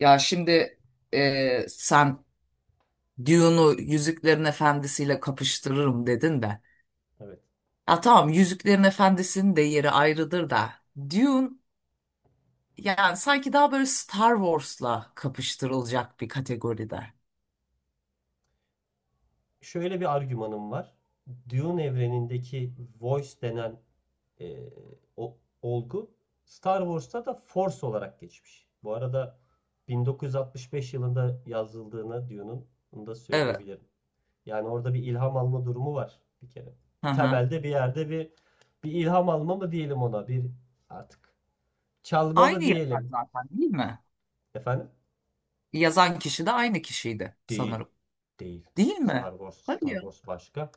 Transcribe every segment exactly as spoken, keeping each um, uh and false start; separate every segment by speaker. Speaker 1: Ya şimdi e, sen Dune'u Yüzüklerin Efendisi'yle kapıştırırım dedin de.
Speaker 2: Evet.
Speaker 1: Ya tamam Yüzüklerin Efendisi'nin de yeri ayrıdır da. Dune yani sanki daha böyle Star Wars'la kapıştırılacak bir kategoride.
Speaker 2: Şöyle bir argümanım var. Dune evrenindeki Voice denen e, o, olgu Star Wars'ta da Force olarak geçmiş. Bu arada bin dokuz yüz altmış beş yılında yazıldığını Dune'un bunu da
Speaker 1: Evet.
Speaker 2: söyleyebilirim. Yani orada bir ilham alma durumu var bir kere.
Speaker 1: Hı hı.
Speaker 2: Temelde bir yerde bir bir ilham alma mı diyelim ona bir artık çalma mı
Speaker 1: Aynı yazar
Speaker 2: diyelim
Speaker 1: zaten değil mi?
Speaker 2: efendim.
Speaker 1: Yazan kişi de aynı kişiydi
Speaker 2: Değil.
Speaker 1: sanırım.
Speaker 2: Değil.
Speaker 1: Değil
Speaker 2: Star
Speaker 1: mi?
Speaker 2: Wars, Star
Speaker 1: Hayır.
Speaker 2: Wars başka.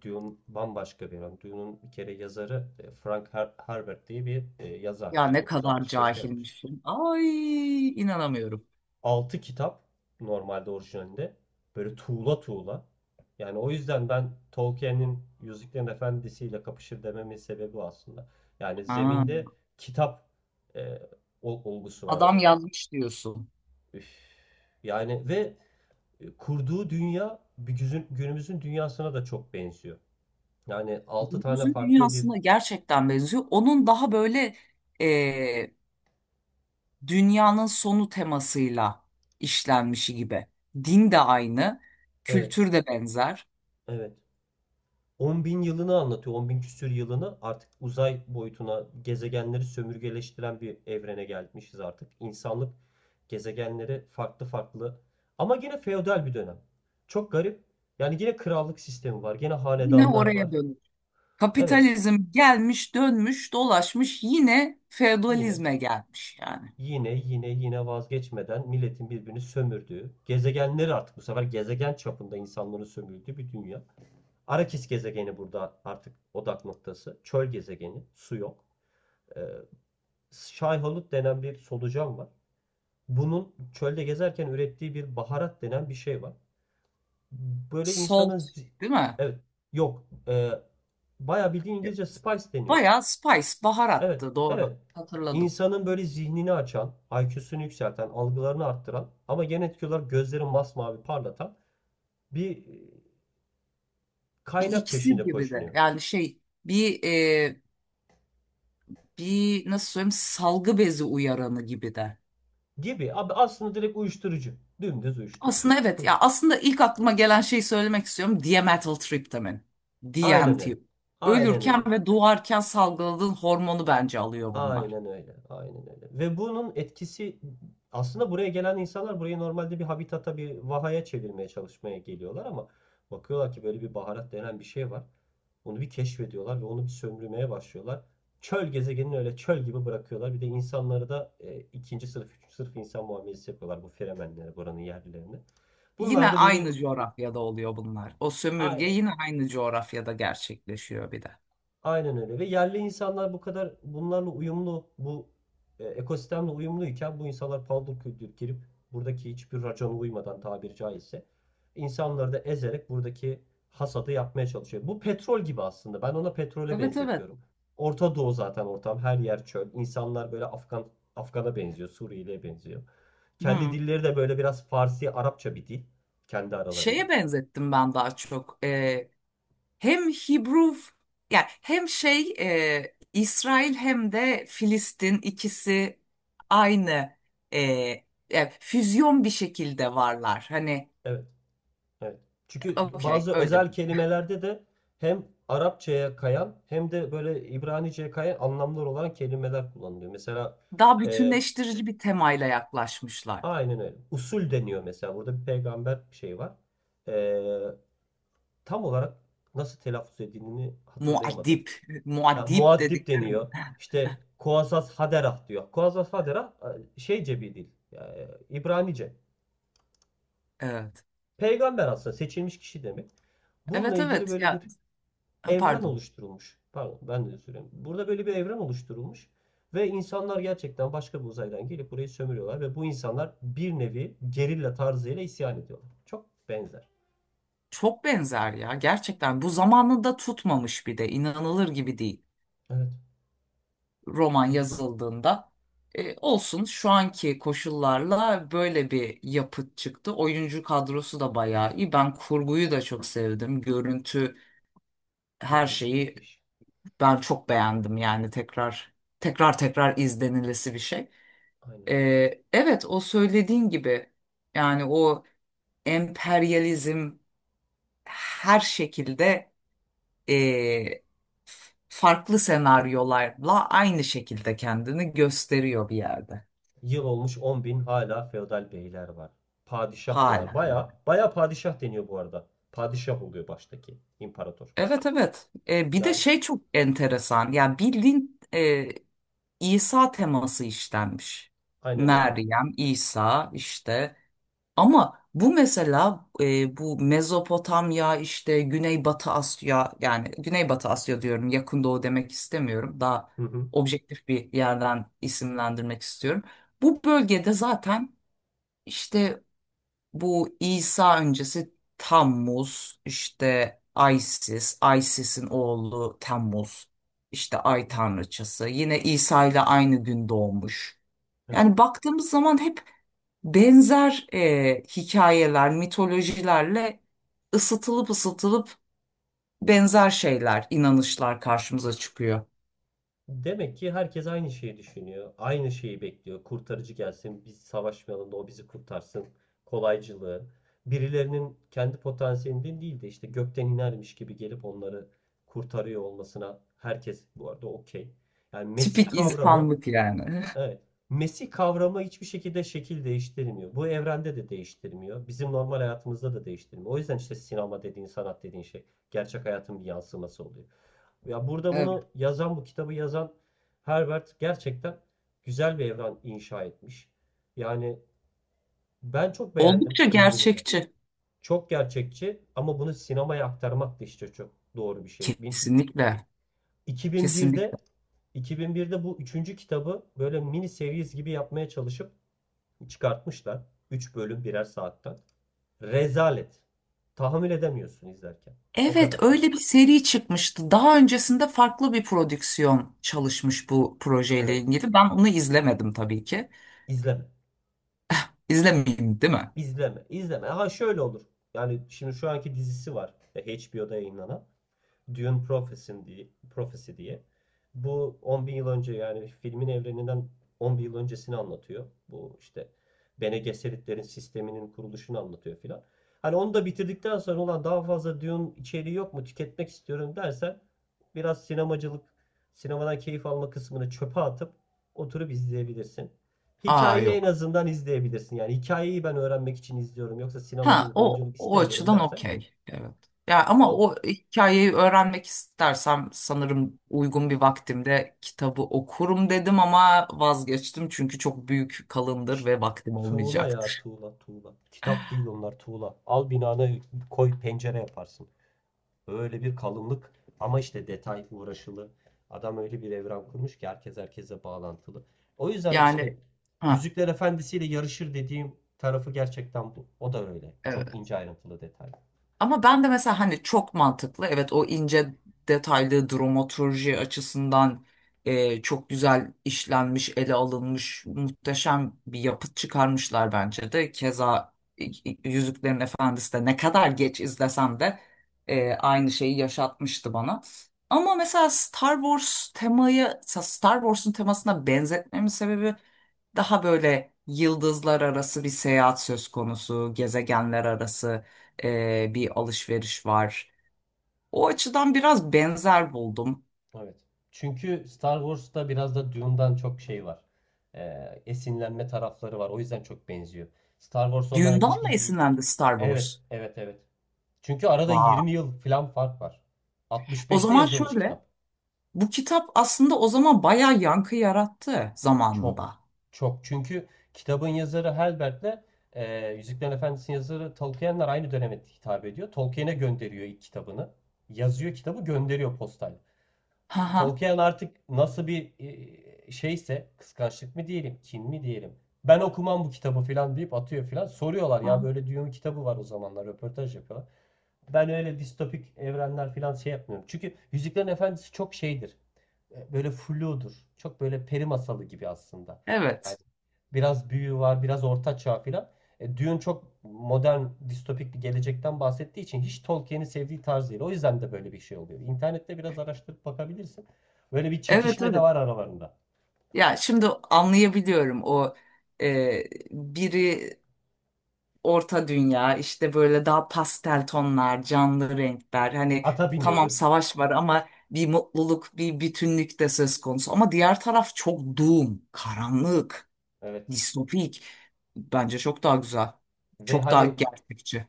Speaker 2: Dune bambaşka bir adam. Dune'un bir kere yazarı e, Frank Her- Herbert diye bir e, yazar.
Speaker 1: Ya ne kadar
Speaker 2: bin dokuz yüz altmış beşte yapmış.
Speaker 1: cahilmişim. Ay inanamıyorum.
Speaker 2: Altı kitap normalde orijinalinde. Böyle tuğla tuğla. Yani o yüzden ben Tolkien'in Yüzüklerin Efendisi'yle kapışır dememin sebebi o aslında. Yani
Speaker 1: Ha,
Speaker 2: zeminde kitap e, ol- olgusu var.
Speaker 1: adam
Speaker 2: Hani
Speaker 1: yazmış diyorsun.
Speaker 2: üf. Yani ve e, kurduğu dünya bir günümüzün dünyasına da çok benziyor. Yani altı tane
Speaker 1: Günümüzün
Speaker 2: farklı bir.
Speaker 1: dünyasına gerçekten benziyor. Onun daha böyle e, dünyanın sonu temasıyla işlenmişi gibi. Din de aynı,
Speaker 2: Evet,
Speaker 1: kültür de benzer.
Speaker 2: evet. on bin yılını anlatıyor. on bin küsür yılını artık uzay boyutuna gezegenleri sömürgeleştiren bir evrene gelmişiz artık. İnsanlık gezegenleri farklı farklı ama yine feodal bir dönem. Çok garip. Yani yine krallık sistemi var. Yine
Speaker 1: Yine
Speaker 2: hanedanlar
Speaker 1: oraya
Speaker 2: var.
Speaker 1: dönüyor.
Speaker 2: Evet,
Speaker 1: Kapitalizm gelmiş, dönmüş, dolaşmış yine
Speaker 2: yine.
Speaker 1: feodalizme gelmiş yani.
Speaker 2: Yine yine yine vazgeçmeden milletin birbirini sömürdüğü, gezegenleri artık bu sefer gezegen çapında insanların sömürdüğü bir dünya. Arakis gezegeni burada artık odak noktası. Çöl gezegeni, su yok. Ee, Şayhalut denen bir solucan var. Bunun çölde gezerken ürettiği bir baharat denen bir şey var. Böyle
Speaker 1: Salt,
Speaker 2: insanın...
Speaker 1: değil mi?
Speaker 2: Evet, yok. Ee, bayağı bildiğin İngilizce spice deniyor.
Speaker 1: Bayağı spice,
Speaker 2: Evet,
Speaker 1: baharattı doğru.
Speaker 2: evet.
Speaker 1: Hatırladım.
Speaker 2: İnsanın böyle zihnini açan, I Q'sunu yükselten, algılarını arttıran ama genetik etki olarak gözleri masmavi parlatan bir e,
Speaker 1: Bir
Speaker 2: kaynak
Speaker 1: iksir
Speaker 2: peşinde
Speaker 1: gibi de
Speaker 2: koşunuyor.
Speaker 1: yani şey bir e, bir nasıl söyleyeyim salgı bezi uyaranı gibi de.
Speaker 2: Gibi. Abi aslında direkt uyuşturucu. Dümdüz uyuşturucu.
Speaker 1: Aslında evet ya aslında ilk aklıma gelen şeyi söylemek istiyorum. Diametyl triptamin.
Speaker 2: Aynen öyle.
Speaker 1: D M T.
Speaker 2: Aynen öyle.
Speaker 1: Ölürken ve doğarken salgıladığın hormonu bence alıyor bunlar.
Speaker 2: Aynen öyle. Aynen öyle. Ve bunun etkisi aslında buraya gelen insanlar burayı normalde bir habitata, bir vahaya çevirmeye çalışmaya geliyorlar ama bakıyorlar ki böyle bir baharat denen bir şey var. Onu bir keşfediyorlar ve onu bir sömürmeye başlıyorlar. Çöl gezegenini öyle çöl gibi bırakıyorlar. Bir de insanları da e, ikinci sınıf, üçüncü sınıf insan muamelesi yapıyorlar bu Fremenlere, buranın yerlilerine.
Speaker 1: Yine
Speaker 2: Bunlar da böyle.
Speaker 1: aynı coğrafyada oluyor bunlar. O sömürge
Speaker 2: Aynen.
Speaker 1: yine aynı coğrafyada gerçekleşiyor bir de.
Speaker 2: Aynen öyle. Ve yerli insanlar bu kadar bunlarla uyumlu, bu e, ekosistemle uyumluyken bu insanlar paldır küldür girip buradaki hiçbir racona uymadan tabiri caizse insanları da ezerek buradaki hasadı yapmaya çalışıyor. Bu petrol gibi aslında. Ben ona petrole
Speaker 1: Evet, evet.
Speaker 2: benzetiyorum. Orta Doğu zaten ortam. Her yer çöl. İnsanlar böyle Afgan Afgan'a benziyor, Suriyeli'ye benziyor. Kendi
Speaker 1: Hmm.
Speaker 2: dilleri de böyle biraz Farsi, Arapça bir dil kendi aralarında.
Speaker 1: Şeye benzettim ben daha çok. Hem Hebrew yani hem şey e, İsrail hem de Filistin ikisi aynı e, e, füzyon bir şekilde varlar. Hani
Speaker 2: Evet, evet. Çünkü
Speaker 1: okey
Speaker 2: bazı
Speaker 1: öyle.
Speaker 2: özel kelimelerde de hem Arapçaya kayan hem de böyle İbranice'ye kayan anlamlar olan kelimeler kullanılıyor. Mesela
Speaker 1: Daha
Speaker 2: e,
Speaker 1: bütünleştirici bir temayla yaklaşmışlar.
Speaker 2: aynen öyle. Usul deniyor mesela. Burada bir peygamber şeyi var. E, tam olarak nasıl telaffuz edildiğini hatırlayamadım.
Speaker 1: Muad'dib,
Speaker 2: Ha,
Speaker 1: Muad'dib
Speaker 2: muaddip
Speaker 1: dedikleri
Speaker 2: deniyor.
Speaker 1: mi?
Speaker 2: İşte Kuasas Haderah diyor. Kuasas Haderah e, şeyce bir dil. e, İbranice.
Speaker 1: Evet.
Speaker 2: Peygamber aslında seçilmiş kişi demek. Bununla
Speaker 1: Evet,
Speaker 2: ilgili
Speaker 1: evet
Speaker 2: böyle
Speaker 1: ya,
Speaker 2: bir
Speaker 1: ha,
Speaker 2: evren
Speaker 1: pardon.
Speaker 2: oluşturulmuş. Pardon ben de söyleyeyim. Burada böyle bir evren oluşturulmuş. Ve insanlar gerçekten başka bir uzaydan gelip burayı sömürüyorlar. Ve bu insanlar bir nevi gerilla tarzıyla isyan ediyorlar. Çok benzer.
Speaker 1: Çok benzer ya gerçekten bu zamanında tutmamış bir de inanılır gibi değil.
Speaker 2: Evet.
Speaker 1: Roman yazıldığında. E, olsun şu anki koşullarla böyle bir yapıt çıktı. Oyuncu kadrosu da bayağı iyi. Ben kurguyu da çok sevdim. Görüntü, her
Speaker 2: Müthiş
Speaker 1: şeyi
Speaker 2: müthiş.
Speaker 1: ben çok beğendim yani tekrar tekrar tekrar izlenilesi bir şey. E,
Speaker 2: Aynen.
Speaker 1: evet, o söylediğin gibi yani o emperyalizm her şekilde e, farklı senaryolarla aynı şekilde kendini gösteriyor bir yerde.
Speaker 2: Yıl olmuş on bin, hala feodal beyler var. Padişah diyorlar.
Speaker 1: Hala yani.
Speaker 2: Baya baya padişah deniyor bu arada. Padişah oluyor baştaki imparator.
Speaker 1: Evet, evet. E, bir de
Speaker 2: Yani
Speaker 1: şey çok enteresan. Yani bildiğin e, İsa teması işlenmiş.
Speaker 2: aynen öyle.
Speaker 1: Meryem, İsa işte. Ama bu mesela e, bu Mezopotamya işte Güneybatı Asya yani Güneybatı Asya diyorum yakın doğu demek istemiyorum. Daha
Speaker 2: Hı hı.
Speaker 1: objektif bir yerden isimlendirmek istiyorum. Bu bölgede zaten işte bu İsa öncesi Tammuz, işte Isis, Isis'in oğlu Temmuz, işte
Speaker 2: Hı hı.
Speaker 1: Ay Tanrıçası. Yine İsa ile aynı gün doğmuş.
Speaker 2: Evet.
Speaker 1: Yani baktığımız zaman hep benzer e, hikayeler, mitolojilerle ısıtılıp ısıtılıp benzer şeyler, inanışlar karşımıza çıkıyor.
Speaker 2: Demek ki herkes aynı şeyi düşünüyor. Aynı şeyi bekliyor. Kurtarıcı gelsin, biz savaşmayalım da o bizi kurtarsın. Kolaycılığı. Birilerinin kendi potansiyelinden değil de işte gökten inermiş gibi gelip onları kurtarıyor olmasına herkes bu arada okey. Yani Mesih
Speaker 1: Tipik
Speaker 2: kavramı.
Speaker 1: insanlık yani.
Speaker 2: Evet. Mesih kavramı hiçbir şekilde şekil değiştirmiyor. Bu evrende de değiştirmiyor. Bizim normal hayatımızda da değiştirmiyor. O yüzden işte sinema dediğin, sanat dediğin şey gerçek hayatın bir yansıması oluyor. Ya burada
Speaker 1: Evet.
Speaker 2: bunu yazan, bu kitabı yazan Herbert gerçekten güzel bir evren inşa etmiş. Yani ben çok beğendim
Speaker 1: Oldukça
Speaker 2: filmini de.
Speaker 1: gerçekçi.
Speaker 2: Çok gerçekçi ama bunu sinemaya aktarmak da işte çok doğru bir şey. Bin-
Speaker 1: Kesinlikle.
Speaker 2: iki bin birde
Speaker 1: Kesinlikle.
Speaker 2: iki bin birde bu üçüncü kitabı böyle mini series gibi yapmaya çalışıp çıkartmışlar. Üç bölüm birer saatten. Rezalet. Tahammül edemiyorsun izlerken. O
Speaker 1: Evet,
Speaker 2: kadar kötü.
Speaker 1: öyle bir seri çıkmıştı. Daha öncesinde farklı bir prodüksiyon çalışmış bu projeyle
Speaker 2: Evet.
Speaker 1: ilgili. Ben onu izlemedim tabii ki.
Speaker 2: İzleme.
Speaker 1: İzlemeyeyim, değil mi?
Speaker 2: İzleme. İzleme. Ha şöyle olur. Yani şimdi şu anki dizisi var. e, H B O'da yayınlanan. Dune Prophecy diye, Prophecy diye. Bu on bin yıl önce yani filmin evreninden on bin yıl öncesini anlatıyor. Bu işte Bene Gesseritlerin sisteminin kuruluşunu anlatıyor filan. Hani onu da bitirdikten sonra ulan daha fazla Dune içeriği yok mu tüketmek istiyorum dersen biraz sinemacılık, sinemadan keyif alma kısmını çöpe atıp oturup izleyebilirsin.
Speaker 1: Aa
Speaker 2: Hikayeyi en
Speaker 1: yok.
Speaker 2: azından izleyebilirsin. Yani hikayeyi ben öğrenmek için izliyorum yoksa
Speaker 1: Ha,
Speaker 2: sinemacılık,
Speaker 1: o
Speaker 2: oyunculuk
Speaker 1: o
Speaker 2: istemiyorum
Speaker 1: açıdan
Speaker 2: dersen
Speaker 1: okey. Evet. Ya ama
Speaker 2: o.
Speaker 1: o hikayeyi öğrenmek istersem sanırım uygun bir vaktimde kitabı okurum dedim ama vazgeçtim çünkü çok büyük kalındır ve vaktim
Speaker 2: Tuğla ya,
Speaker 1: olmayacaktır.
Speaker 2: tuğla tuğla. Kitap değil onlar, tuğla. Al binana koy, pencere yaparsın. Öyle bir kalınlık ama işte detay uğraşılı. Adam öyle bir evren kurmuş ki herkes herkese bağlantılı. O yüzden işte
Speaker 1: Yani ha
Speaker 2: Yüzükler Efendisi ile yarışır dediğim tarafı gerçekten bu. O da öyle. Çok
Speaker 1: evet.
Speaker 2: ince ayrıntılı detay.
Speaker 1: Ama ben de mesela hani çok mantıklı. Evet o ince detaylı dramaturji açısından e, çok güzel işlenmiş, ele alınmış, muhteşem bir yapıt çıkarmışlar bence de. Keza e, Yüzüklerin Efendisi de ne kadar geç izlesem de e, aynı şeyi yaşatmıştı bana. Ama mesela Star Wars temayı, Star Wars'un temasına benzetmemin sebebi daha böyle yıldızlar arası bir seyahat söz konusu, gezegenler arası e, bir alışveriş var. O açıdan biraz benzer buldum.
Speaker 2: Evet. Çünkü Star Wars'ta biraz da Dune'dan çok şey var. Ee, esinlenme tarafları var. O yüzden çok benziyor. Star Wars ondan
Speaker 1: Dune'dan
Speaker 2: yaklaşık...
Speaker 1: mı
Speaker 2: y-
Speaker 1: esinlendi Star
Speaker 2: Evet,
Speaker 1: Wars?
Speaker 2: evet, evet. Çünkü arada yirmi
Speaker 1: Vay.
Speaker 2: yıl falan fark var.
Speaker 1: O
Speaker 2: altmış beşte
Speaker 1: zaman
Speaker 2: yazılmış
Speaker 1: şöyle,
Speaker 2: kitap.
Speaker 1: bu kitap aslında o zaman bayağı yankı yarattı
Speaker 2: Çok.
Speaker 1: zamanında.
Speaker 2: Çok. Çünkü kitabın yazarı Herbert'le e, Yüzüklerin Efendisi'nin yazarı Tolkien'ler aynı döneme hitap ediyor. Tolkien'e gönderiyor ilk kitabını. Yazıyor kitabı gönderiyor postal.
Speaker 1: Ha
Speaker 2: E,
Speaker 1: ha.
Speaker 2: Tolkien artık nasıl bir e, şeyse kıskançlık mı diyelim, kin mi diyelim. Ben okumam bu kitabı falan deyip atıyor falan. Soruyorlar
Speaker 1: Ha.
Speaker 2: ya böyle diyor, kitabı var o zamanlar röportaj yapıyorlar. Ben öyle distopik evrenler falan şey yapmıyorum. Çünkü Yüzüklerin Efendisi çok şeydir. E, Böyle fludur. Çok böyle peri masalı gibi aslında. Yani
Speaker 1: Evet.
Speaker 2: biraz büyü var, biraz orta çağ falan. E, Dune çok modern, distopik bir gelecekten bahsettiği için hiç Tolkien'in sevdiği tarz değil. O yüzden de böyle bir şey oluyor. İnternette biraz araştırıp bakabilirsin. Böyle bir
Speaker 1: Evet,
Speaker 2: çekişme de
Speaker 1: evet.
Speaker 2: var aralarında.
Speaker 1: Ya şimdi anlayabiliyorum o e, biri orta dünya işte böyle daha pastel tonlar, canlı renkler. Hani
Speaker 2: Ata
Speaker 1: tamam
Speaker 2: biniyoruz.
Speaker 1: savaş var ama bir mutluluk, bir bütünlük de söz konusu. Ama diğer taraf çok doom, karanlık,
Speaker 2: Evet.
Speaker 1: distopik. Bence çok daha güzel.
Speaker 2: Ve
Speaker 1: Çok daha
Speaker 2: hani
Speaker 1: gerçekçi.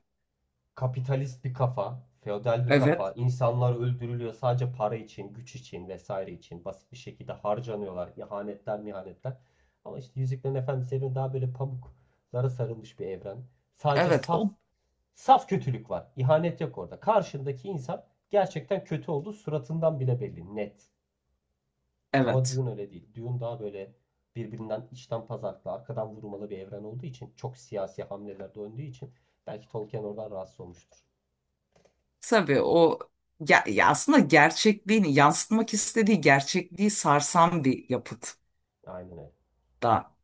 Speaker 2: kapitalist bir kafa, feodal bir kafa.
Speaker 1: Evet.
Speaker 2: İnsanlar öldürülüyor sadece para için, güç için vesaire için. Basit bir şekilde harcanıyorlar. İhanetler, mihanetler. Ama işte Yüzüklerin Efendisi evreni daha böyle pamuklara sarılmış bir evren. Sadece
Speaker 1: Evet
Speaker 2: saf
Speaker 1: o
Speaker 2: saf kötülük var. İhanet yok orada. Karşındaki insan gerçekten kötü olduğu suratından bile belli. Net. Ama
Speaker 1: evet.
Speaker 2: Dune öyle değil. Dune daha böyle birbirinden içten pazarlıklı, arkadan vurmalı bir evren olduğu için çok siyasi hamlelerde döndüğü için belki Tolkien oradan rahatsız olmuştur.
Speaker 1: Tabii o ya, ya aslında gerçekliğini yansıtmak istediği gerçekliği sarsan bir yapıt
Speaker 2: Aynen öyle.
Speaker 1: da.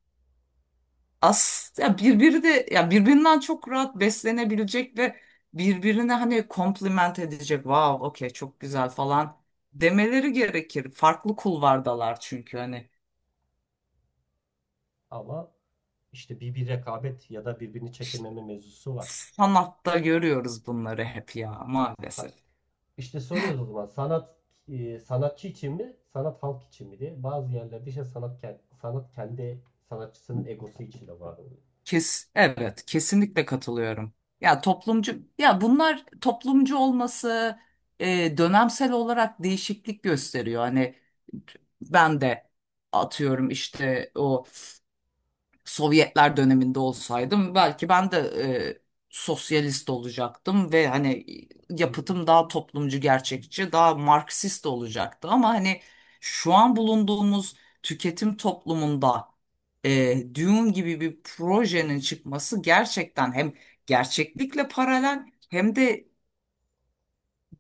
Speaker 1: As ya birbiri de ya birbirinden çok rahat beslenebilecek ve birbirine hani kompliment edecek. Wow, okey çok güzel falan demeleri gerekir. Farklı kulvardalar çünkü hani
Speaker 2: Ama işte bir, bir rekabet ya da birbirini
Speaker 1: işte
Speaker 2: çekememe mevzusu var.
Speaker 1: sanatta görüyoruz bunları hep ya maalesef.
Speaker 2: Ha, İşte soruyoruz o zaman sanat e, sanatçı için mi, sanat halk için mi diye. Bazı yerlerde işte sanat, ken- sanat kendi sanatçısının egosu için de var oluyor.
Speaker 1: Kes, evet kesinlikle katılıyorum. Ya toplumcu ya bunlar toplumcu olması e, dönemsel olarak değişiklik gösteriyor. Hani ben de atıyorum işte o Sovyetler döneminde olsaydım belki ben de e, sosyalist olacaktım ve hani
Speaker 2: Hı. Hı.
Speaker 1: yapıtım daha toplumcu, gerçekçi, daha Marksist olacaktı. Ama hani şu an bulunduğumuz tüketim toplumunda e, Dune gibi bir projenin çıkması gerçekten hem gerçeklikle paralel hem de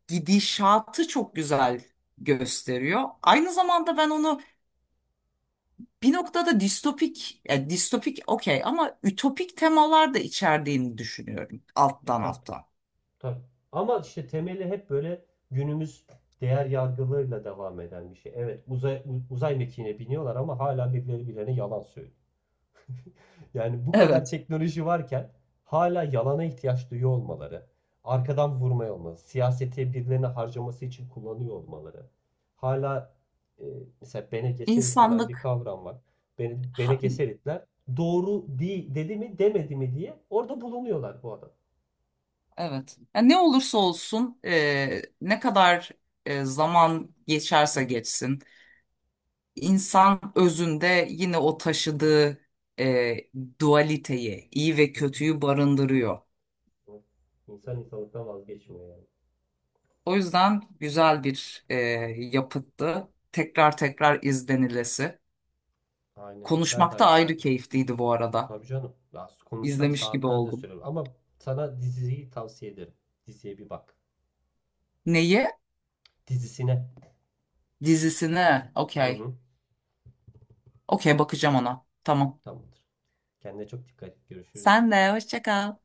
Speaker 1: gidişatı çok güzel gösteriyor. Aynı zamanda ben onu bir noktada distopik, ya distopik okey ama ütopik temalar da içerdiğini düşünüyorum
Speaker 2: E
Speaker 1: alttan
Speaker 2: tabii.
Speaker 1: alttan.
Speaker 2: Tabii. Ama işte temeli hep böyle günümüz değer yargılarıyla devam eden bir şey. Evet, uzay, uzay mekiğine biniyorlar ama hala birileri birilerine yalan söylüyor. Yani bu kadar
Speaker 1: Evet,
Speaker 2: teknoloji varken hala yalana ihtiyaç duyuyor olmaları, arkadan vurmaya olması, siyasete birilerine harcaması için kullanıyor olmaları. Hala e, mesela Bene Gesserit denen bir
Speaker 1: İnsanlık
Speaker 2: kavram var. Bene, Bene
Speaker 1: ha-
Speaker 2: Gesseritler doğru değil dedi mi demedi mi diye orada bulunuyorlar bu adam.
Speaker 1: evet. Yani ne olursa olsun e, ne kadar e, zaman geçerse geçsin insan özünde yine o taşıdığı e, dualiteyi, iyi ve
Speaker 2: Hı.
Speaker 1: kötüyü barındırıyor.
Speaker 2: İnsan insanlıktan vazgeçmiyor yani.
Speaker 1: O yüzden güzel bir e, yapıttı. Tekrar tekrar izlenilesi.
Speaker 2: Aynen öyle. Ben de
Speaker 1: Konuşmak da
Speaker 2: aynı
Speaker 1: ayrı
Speaker 2: fikirdeyim.
Speaker 1: keyifliydi bu arada.
Speaker 2: Tabii canım. Ya konuşsak
Speaker 1: İzlemiş gibi
Speaker 2: saatlerce
Speaker 1: oldum.
Speaker 2: sürer. Ama sana diziyi tavsiye ederim. Diziye bir bak.
Speaker 1: Neyi?
Speaker 2: Dizisine.
Speaker 1: Dizisini.
Speaker 2: Hı
Speaker 1: Okey.
Speaker 2: hı.
Speaker 1: Okey, bakacağım ona. Tamam.
Speaker 2: Tamamdır. Kendine çok dikkat et. Görüşürüz.
Speaker 1: Sen de hoşça kal.